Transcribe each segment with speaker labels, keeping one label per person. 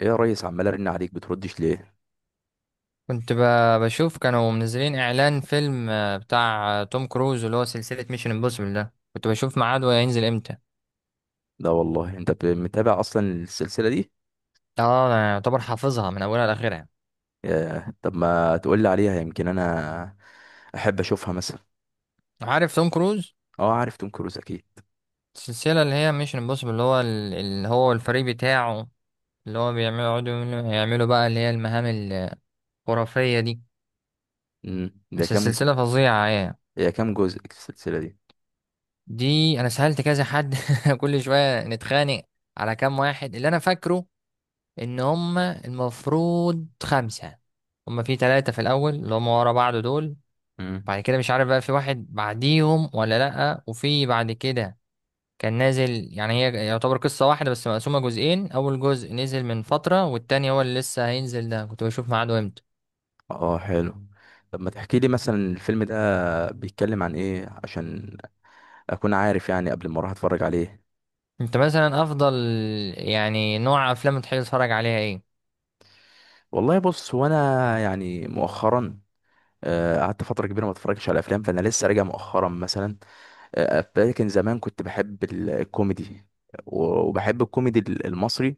Speaker 1: ايه يا ريس، عمال ارن عليك بتردش ليه؟
Speaker 2: كنت بشوف كانوا منزلين اعلان فيلم بتاع توم كروز، اللي هو سلسلة ميشن امبوسيبل، ده كنت بشوف ميعاده هينزل امتى.
Speaker 1: لا والله، انت متابع اصلا السلسله دي؟
Speaker 2: اه، انا يعتبر حافظها من اولها لاخرها.
Speaker 1: ياه. طب ما تقول لي عليها، يمكن انا احب اشوفها مثلا.
Speaker 2: عارف توم كروز؟
Speaker 1: اه، عارف توم كروز اكيد.
Speaker 2: السلسلة اللي هي ميشن امبوسيبل، اللي هو اللي هو الفريق بتاعه، اللي هو بيعملوا يقعدوا يعملوا بقى اللي هي المهام الخرافية دي.
Speaker 1: امم ده
Speaker 2: بس
Speaker 1: كام جو...
Speaker 2: السلسلة فظيعة يعني.
Speaker 1: هي كام جزء السلسله دي؟
Speaker 2: دي انا سألت كذا حد كل شوية نتخانق على كام واحد. اللي انا فاكره ان هم المفروض 5. هم في 3 في الاول اللي هم ورا بعض دول. بعد
Speaker 1: امم
Speaker 2: كده مش عارف بقى في واحد بعديهم ولا لأ، وفي بعد كده كان نازل. يعني هي يعتبر قصة واحدة بس مقسومة جزئين، اول جزء نزل من فترة والتاني هو اللي لسه هينزل، ده كنت بشوف ميعاده امتى.
Speaker 1: اه، حلو. طب ما تحكي لي مثلا الفيلم ده بيتكلم عن ايه عشان اكون عارف يعني، قبل ما اروح اتفرج عليه.
Speaker 2: انت مثلا افضل يعني نوع افلام تحب تتفرج عليها ايه؟
Speaker 1: والله بص، هو انا يعني مؤخرا، قعدت فتره كبيره ما اتفرجتش على افلام، فانا لسه راجع مؤخرا مثلا. لكن زمان كنت بحب الكوميدي و- وبحب الكوميدي المصري.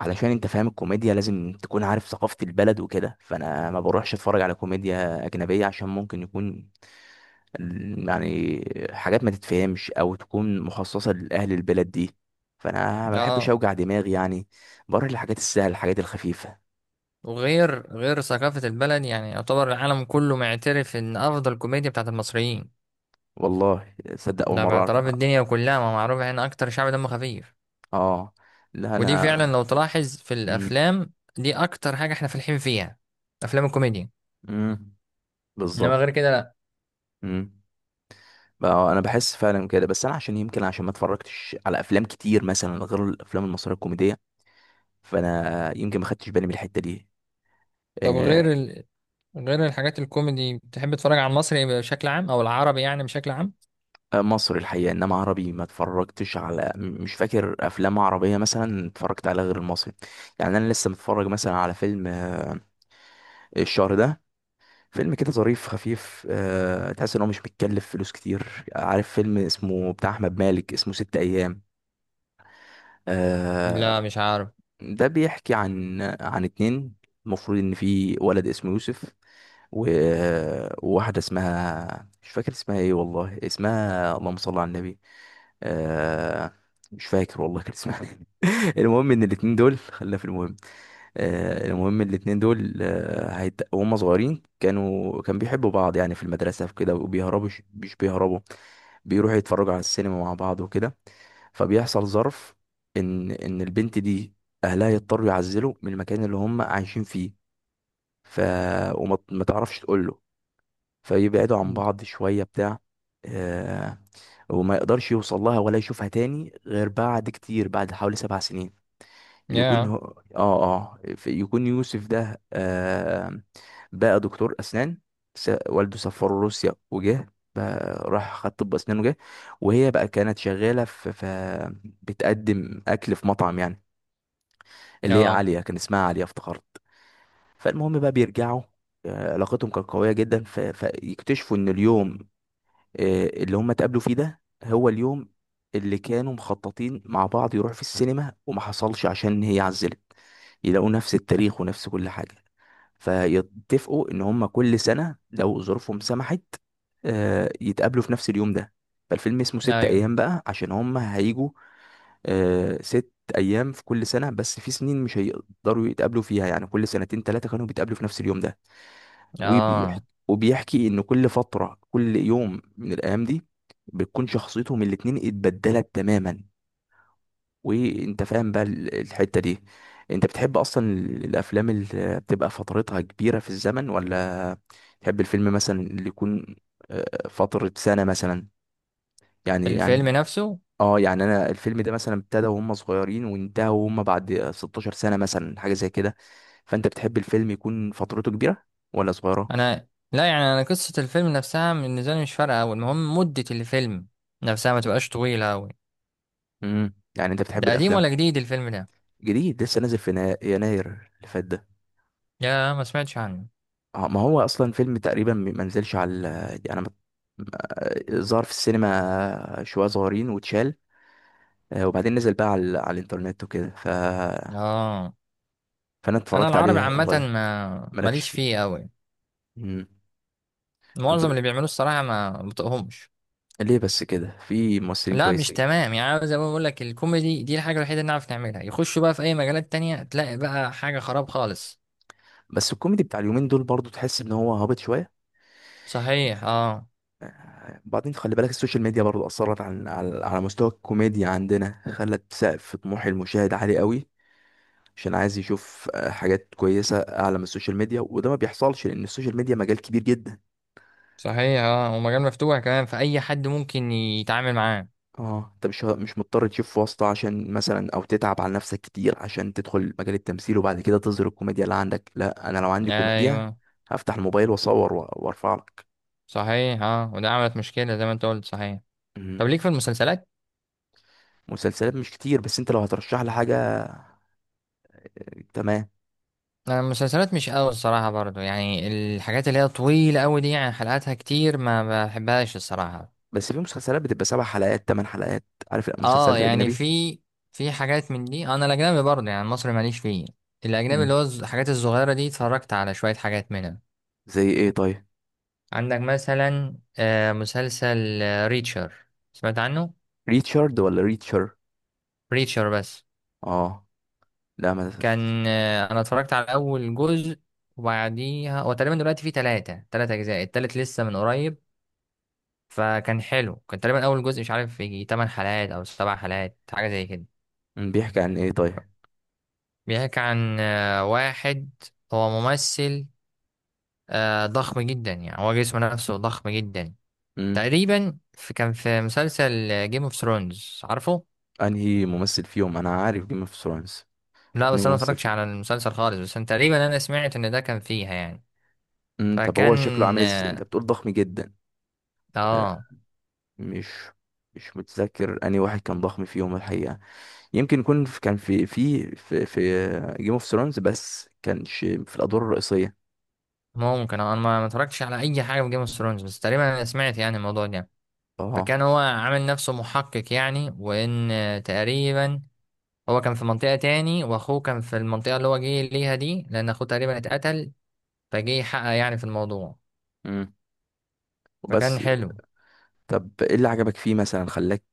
Speaker 1: علشان انت فاهم الكوميديا لازم تكون عارف ثقافة البلد وكده، فانا ما بروحش اتفرج على كوميديا اجنبية عشان ممكن يكون يعني حاجات ما تتفهمش او تكون مخصصة لاهل البلد دي، فانا ما بحبش
Speaker 2: اه.
Speaker 1: اوجع دماغي يعني. بروح للحاجات السهلة، الحاجات الخفيفة.
Speaker 2: وغير غير ثقافة البلد، يعني يعتبر العالم كله معترف ان افضل كوميديا بتاعت المصريين.
Speaker 1: والله صدق، اول
Speaker 2: ده
Speaker 1: مرة
Speaker 2: باعتراف
Speaker 1: اعرف.
Speaker 2: الدنيا كلها، ما معروف احنا اكتر شعب دم خفيف.
Speaker 1: اه، لا
Speaker 2: ودي
Speaker 1: انا.
Speaker 2: فعلا لو تلاحظ في
Speaker 1: امم.
Speaker 2: الافلام دي اكتر حاجه احنا فالحين فيها. افلام الكوميديا.
Speaker 1: امم.
Speaker 2: انما
Speaker 1: بالظبط.
Speaker 2: غير كده لا.
Speaker 1: اه، انا بحس فعلا كده، بس انا عشان يمكن، عشان ما اتفرجتش على افلام كتير مثلا غير الافلام المصريه الكوميديه، فانا يمكن ما خدتش بالي من الحته دي.
Speaker 2: طب
Speaker 1: آه،
Speaker 2: غير الحاجات الكوميدي، بتحب تتفرج على المصري بشكل عام، او العربي يعني بشكل عام؟
Speaker 1: مصري الحقيقه، انما عربي ما اتفرجتش على مش فاكر افلام عربيه مثلا اتفرجت على غير المصري. يعني انا لسه متفرج مثلا على فيلم الشهر ده، فيلم كده ظريف خفيف. تحس ان هو مش بيتكلف فلوس كتير. عارف فيلم اسمه، بتاع احمد مالك، اسمه 6 ايام. آه،
Speaker 2: لا مش عارف.
Speaker 1: ده بيحكي عن اتنين. المفروض ان في ولد اسمه يوسف و... وواحدة اسمها، مش فاكر اسمها ايه والله، اسمها اللهم صل على النبي. آه... مش فاكر والله كان اسمها إيه. المهم ان الاتنين دول، خلينا في المهم. المهم الاتنين دول وهم صغيرين كانوا بيحبوا بعض يعني في المدرسة في كده وبيهربوا. مش بيهربوا، بيروحوا يتفرجوا على السينما مع بعض وكده. فبيحصل ظرف ان البنت دي اهلها يضطروا يعزلوا من المكان اللي هم عايشين فيه، ف وما ما تعرفش تقول له. فيبعدوا عن بعض شويه بتاع. آه وما يقدرش يوصل لها ولا يشوفها تاني غير بعد كتير، بعد حوالي 7 سنين يكون هو.
Speaker 2: يا.
Speaker 1: اه، اه، يكون يوسف ده بقى دكتور اسنان. والده سافره روسيا وجه، بقى راح خد طب اسنان وجه. وهي بقى كانت شغاله في بتقدم اكل في مطعم يعني، اللي هي
Speaker 2: اه.
Speaker 1: عاليه، كان اسمها عاليه افتكرت. فالمهم بقى بيرجعوا. علاقتهم كانت قويه جدا، فيكتشفوا ان اليوم اللي هم اتقابلوا فيه ده هو اليوم اللي كانوا مخططين مع بعض يروحوا في السينما وما حصلش عشان هي عزلت. يلاقوا نفس التاريخ ونفس كل حاجة. فيتفقوا ان هم كل سنة لو ظروفهم سمحت، يتقابلوا في نفس اليوم ده. فالفيلم اسمه ست
Speaker 2: ايوه.
Speaker 1: ايام بقى عشان هم هيجوا 6 ايام في كل سنة، بس في سنين مش هيقدروا يتقابلوا فيها يعني كل سنتين تلاتة كانوا بيتقابلوا في نفس اليوم ده. وبيحكي
Speaker 2: اه.
Speaker 1: وبيحكي ان كل فتره كل يوم من الايام دي بتكون شخصيتهم الاتنين اتبدلت تماما. وانت فاهم بقى الحته دي. انت بتحب اصلا الافلام اللي بتبقى فترتها كبيره في الزمن، ولا تحب الفيلم مثلا اللي يكون فتره سنه مثلا، يعني
Speaker 2: الفيلم
Speaker 1: يعني
Speaker 2: نفسه.
Speaker 1: اه، يعني انا الفيلم ده مثلا ابتدى وهم صغيرين وانتهى وهم بعد 16 سنه مثلا، حاجه زي كده. فانت بتحب الفيلم يكون فترته كبيره ولا صغيره؟
Speaker 2: انا لا، يعني انا قصه الفيلم نفسها بالنسبه لي مش فارقه قوي، المهم مده الفيلم نفسها ما تبقاش طويله قوي.
Speaker 1: يعني انت بتحب
Speaker 2: ده قديم
Speaker 1: الافلام.
Speaker 2: ولا جديد الفيلم ده؟
Speaker 1: جديد، لسه نازل في يناير اللي فات ده.
Speaker 2: يا ما سمعتش عنه.
Speaker 1: اه، ما هو اصلا فيلم تقريبا ما نزلش على انا ما ما- ظهر في السينما شويه صغيرين واتشال. وبعدين نزل بقى على الانترنت وكده.
Speaker 2: اه.
Speaker 1: فانا
Speaker 2: انا
Speaker 1: اتفرجت
Speaker 2: العربي
Speaker 1: عليه
Speaker 2: عامه
Speaker 1: اونلاين.
Speaker 2: ما
Speaker 1: مالكش
Speaker 2: ماليش
Speaker 1: فيه؟
Speaker 2: فيه قوي.
Speaker 1: مم. طب
Speaker 2: معظم اللي بيعملوه الصراحه ما بطقهمش.
Speaker 1: ليه بس كده؟ في ممثلين
Speaker 2: لا مش
Speaker 1: كويسين.
Speaker 2: تمام يعني، أنا زي ما بقول لك الكوميدي دي الحاجه الوحيده اللي نعرف نعملها، يخشوا بقى في اي مجالات تانية تلاقي بقى حاجه خراب خالص.
Speaker 1: بس الكوميدي بتاع اليومين دول برضو تحس ان هو هابط شويه.
Speaker 2: صحيح اه.
Speaker 1: بعدين خلي بالك السوشيال ميديا برضو اثرت على مستوى الكوميديا عندنا، خلت سقف طموح المشاهد عالي قوي. عشان عايز يشوف حاجات كويسة أعلى من السوشيال ميديا، وده ما بيحصلش لأن السوشيال ميديا مجال كبير جدا.
Speaker 2: صحيح اه، ومجال مفتوح كمان، فاي حد ممكن يتعامل معاه.
Speaker 1: اه، انت مش مضطر تشوف واسطة عشان مثلا او تتعب على نفسك كتير عشان تدخل مجال التمثيل وبعد كده تظهر الكوميديا اللي عندك. لا، انا لو عندي كوميديا
Speaker 2: ايوه.
Speaker 1: هفتح الموبايل واصور وارفع لك.
Speaker 2: صحيح اه، وده عملت مشكله زي ما انت قلت صحيح. طب
Speaker 1: مم.
Speaker 2: ليك في المسلسلات؟
Speaker 1: مسلسلات مش كتير، بس انت لو هترشح لي حاجة. تمام.
Speaker 2: انا المسلسلات مش قوي الصراحه برضو، يعني الحاجات اللي هي طويله قوي دي يعني حلقاتها كتير ما بحبهاش الصراحه.
Speaker 1: بس في مسلسلات بتبقى 7 حلقات، 8 حلقات. عارف
Speaker 2: اه
Speaker 1: المسلسلات
Speaker 2: يعني
Speaker 1: الأجنبي؟
Speaker 2: في حاجات من دي، انا الاجنبي برضه يعني مصري ماليش فيه. الاجنبي اللي
Speaker 1: مم.
Speaker 2: هو الحاجات الصغيره دي اتفرجت على شويه حاجات منها.
Speaker 1: زي ايه طيب؟
Speaker 2: عندك مثلا مسلسل ريتشر، سمعت عنه؟
Speaker 1: ريتشارد ولا ريتشر؟
Speaker 2: ريتشر بس.
Speaker 1: اه، لا ما.
Speaker 2: كان انا اتفرجت على اول جزء، وبعديها هو تقريبا دلوقتي فيه تلات اجزاء، التالت لسه من قريب. فكان حلو، كان تقريبا اول جزء مش عارف يجي 8 حلقات او 7 حلقات حاجه زي كده.
Speaker 1: بيحكي عن ايه طيب؟
Speaker 2: بيحكي عن واحد. هو ممثل ضخم جدا، يعني هو جسمه نفسه ضخم جدا.
Speaker 1: امم
Speaker 2: تقريبا في كان في مسلسل جيم اوف ثرونز، عارفه؟
Speaker 1: انهي ممثل فيهم؟ انا عارف جيم اوف ثرونز.
Speaker 2: لا
Speaker 1: انهي
Speaker 2: بس انا ما
Speaker 1: ممثل
Speaker 2: اتفرجتش
Speaker 1: فيهم؟
Speaker 2: على المسلسل خالص، بس أنا تقريبا انا سمعت ان ده كان فيها يعني.
Speaker 1: طب
Speaker 2: فكان
Speaker 1: هو شكله عامل ازاي؟ انت
Speaker 2: اه
Speaker 1: بتقول ضخم جدا. آه،
Speaker 2: آه،
Speaker 1: مش مش متذكر انهي واحد كان ضخم فيهم الحقيقة. يمكن يكون كان في جيم اوف ثرونز بس كانش في الادوار الرئيسية.
Speaker 2: ممكن. انا ما اتفرجتش على اي حاجه من جيم اوف ثرونز، بس تقريبا انا سمعت يعني الموضوع ده.
Speaker 1: اه،
Speaker 2: فكان هو عامل نفسه محقق يعني، وان تقريبا هو كان في منطقه تاني، واخوه كان في المنطقه اللي هو جه ليها دي، لان اخوه تقريبا اتقتل فجه يحقق يعني في الموضوع.
Speaker 1: امم وبس.
Speaker 2: فكان حلو.
Speaker 1: طب ايه اللي عجبك فيه مثلا خلاك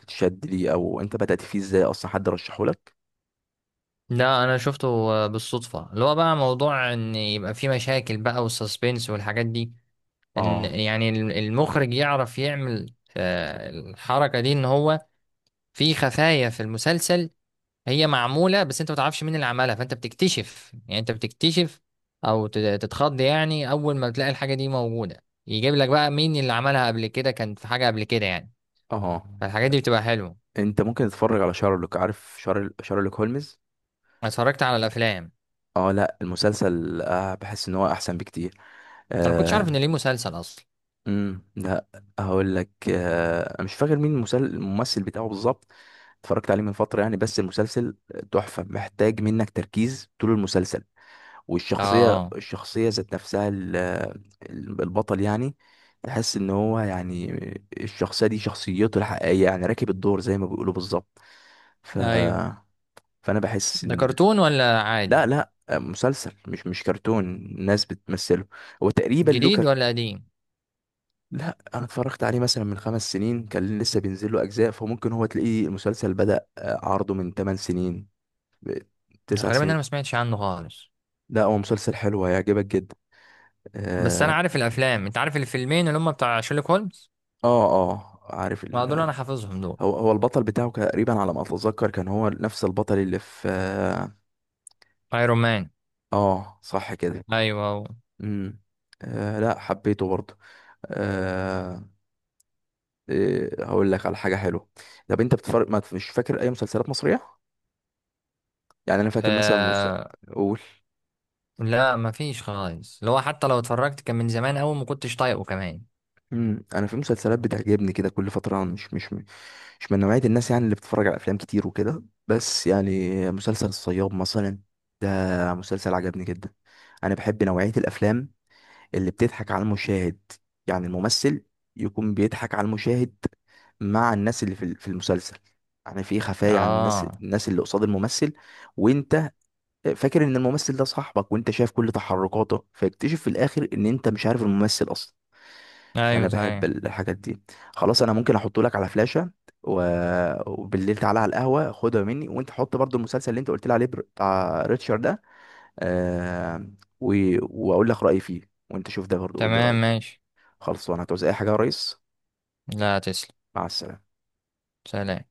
Speaker 1: تتشد ليه؟ او انت بدأت فيه ازاي اصلا؟ حد رشحه لك؟
Speaker 2: لا انا شفته بالصدفه. اللي هو بقى موضوع ان يبقى في مشاكل بقى، والسسبنس والحاجات دي. ان
Speaker 1: اه،
Speaker 2: يعني المخرج يعرف يعمل الحركه دي، ان هو في خفايا في المسلسل هي معموله بس انت ما تعرفش مين اللي عملها، فانت بتكتشف يعني انت بتكتشف او تتخض يعني اول ما بتلاقي الحاجه دي موجوده، يجيب لك بقى مين اللي عملها قبل كده، كان في حاجه قبل كده يعني.
Speaker 1: اه،
Speaker 2: فالحاجات دي بتبقى حلوه.
Speaker 1: انت ممكن تتفرج على شارلوك. عارف شارلوك هولمز؟
Speaker 2: أنا اتفرجت على الافلام.
Speaker 1: اه، لا المسلسل بحس ان هو احسن بكتير.
Speaker 2: انا ما كنتش عارف
Speaker 1: آه
Speaker 2: ان ليه مسلسل اصلا.
Speaker 1: لا، هقول لك، مش فاكر مين الممثل بتاعه بالظبط. اتفرجت عليه من فترة يعني، بس المسلسل تحفة، محتاج منك تركيز طول المسلسل. والشخصية،
Speaker 2: اه.
Speaker 1: ذات نفسها، البطل يعني، تحس ان هو يعني الشخصية دي شخصيته الحقيقية، يعني راكب الدور زي ما بيقولوا بالظبط. ف...
Speaker 2: ايوه.
Speaker 1: فانا بحس
Speaker 2: ده
Speaker 1: ان.
Speaker 2: كرتون ولا
Speaker 1: لا،
Speaker 2: عادي؟
Speaker 1: لا، مسلسل مش كرتون، الناس بتمثله. هو تقريبا له
Speaker 2: جديد ولا قديم؟
Speaker 1: لا، انا اتفرجت عليه مثلا من 5 سنين، كان لسه بينزل له اجزاء. فممكن هو تلاقيه المسلسل بدأ عرضه من 8 سنين ب- 9
Speaker 2: غالبا
Speaker 1: سنين.
Speaker 2: انا ما سمعتش عنه خالص.
Speaker 1: لا، هو مسلسل حلو، هيعجبك جدا.
Speaker 2: بس انا
Speaker 1: اه،
Speaker 2: عارف الافلام، انت عارف الفيلمين اللي هم بتاع شيرلوك هولمز؟
Speaker 1: اه، عارف
Speaker 2: ما دول انا حافظهم دول.
Speaker 1: هو البطل بتاعه تقريبا على ما اتذكر كان هو نفس البطل اللي في
Speaker 2: ايرون مان.
Speaker 1: آه صح كده.
Speaker 2: ايوه
Speaker 1: امم لا، حبيته برضه. آه إيه، هقول لك على حاجه حلوه. طب انت بتفرق، ما مش فاكر اي مسلسلات مصريه. يعني انا فاكر مثلا
Speaker 2: آه...
Speaker 1: اقول.
Speaker 2: لا ما فيش خالص، اللي هو حتى لو اتفرجت كان من زمان قوي ما كنتش طايقه كمان.
Speaker 1: انا، في مسلسلات بتعجبني كده كل فتره. أنا مش من نوعيه الناس يعني اللي بتتفرج على افلام كتير وكده، بس يعني مسلسل الصياد مثلا ده، مسلسل عجبني جدا. انا بحب نوعيه الافلام اللي بتضحك على المشاهد، يعني الممثل يكون بيضحك على المشاهد مع الناس اللي في المسلسل، يعني في خفايا عن
Speaker 2: اه.
Speaker 1: الناس اللي قصاد الممثل وانت فاكر ان الممثل ده صاحبك وانت شايف كل تحركاته، فيكتشف في الاخر ان انت مش عارف الممثل اصلا. فانا
Speaker 2: ايوه
Speaker 1: بحب
Speaker 2: صحيح.
Speaker 1: الحاجات دي. خلاص، انا ممكن احطه لك على فلاشة و... وبالليل تعالى على القهوة خدها مني، وانت حط برضو المسلسل اللي انت قلت لي عليه بتاع ريتشارد ده. آه... و... واقول لك رأيي فيه، وانت شوف ده برضو قول لي
Speaker 2: تمام
Speaker 1: رأيك.
Speaker 2: ماشي.
Speaker 1: خلاص، وانا هتعوز اي حاجة يا ريس؟
Speaker 2: لا تسلم.
Speaker 1: مع السلامة.
Speaker 2: سلام.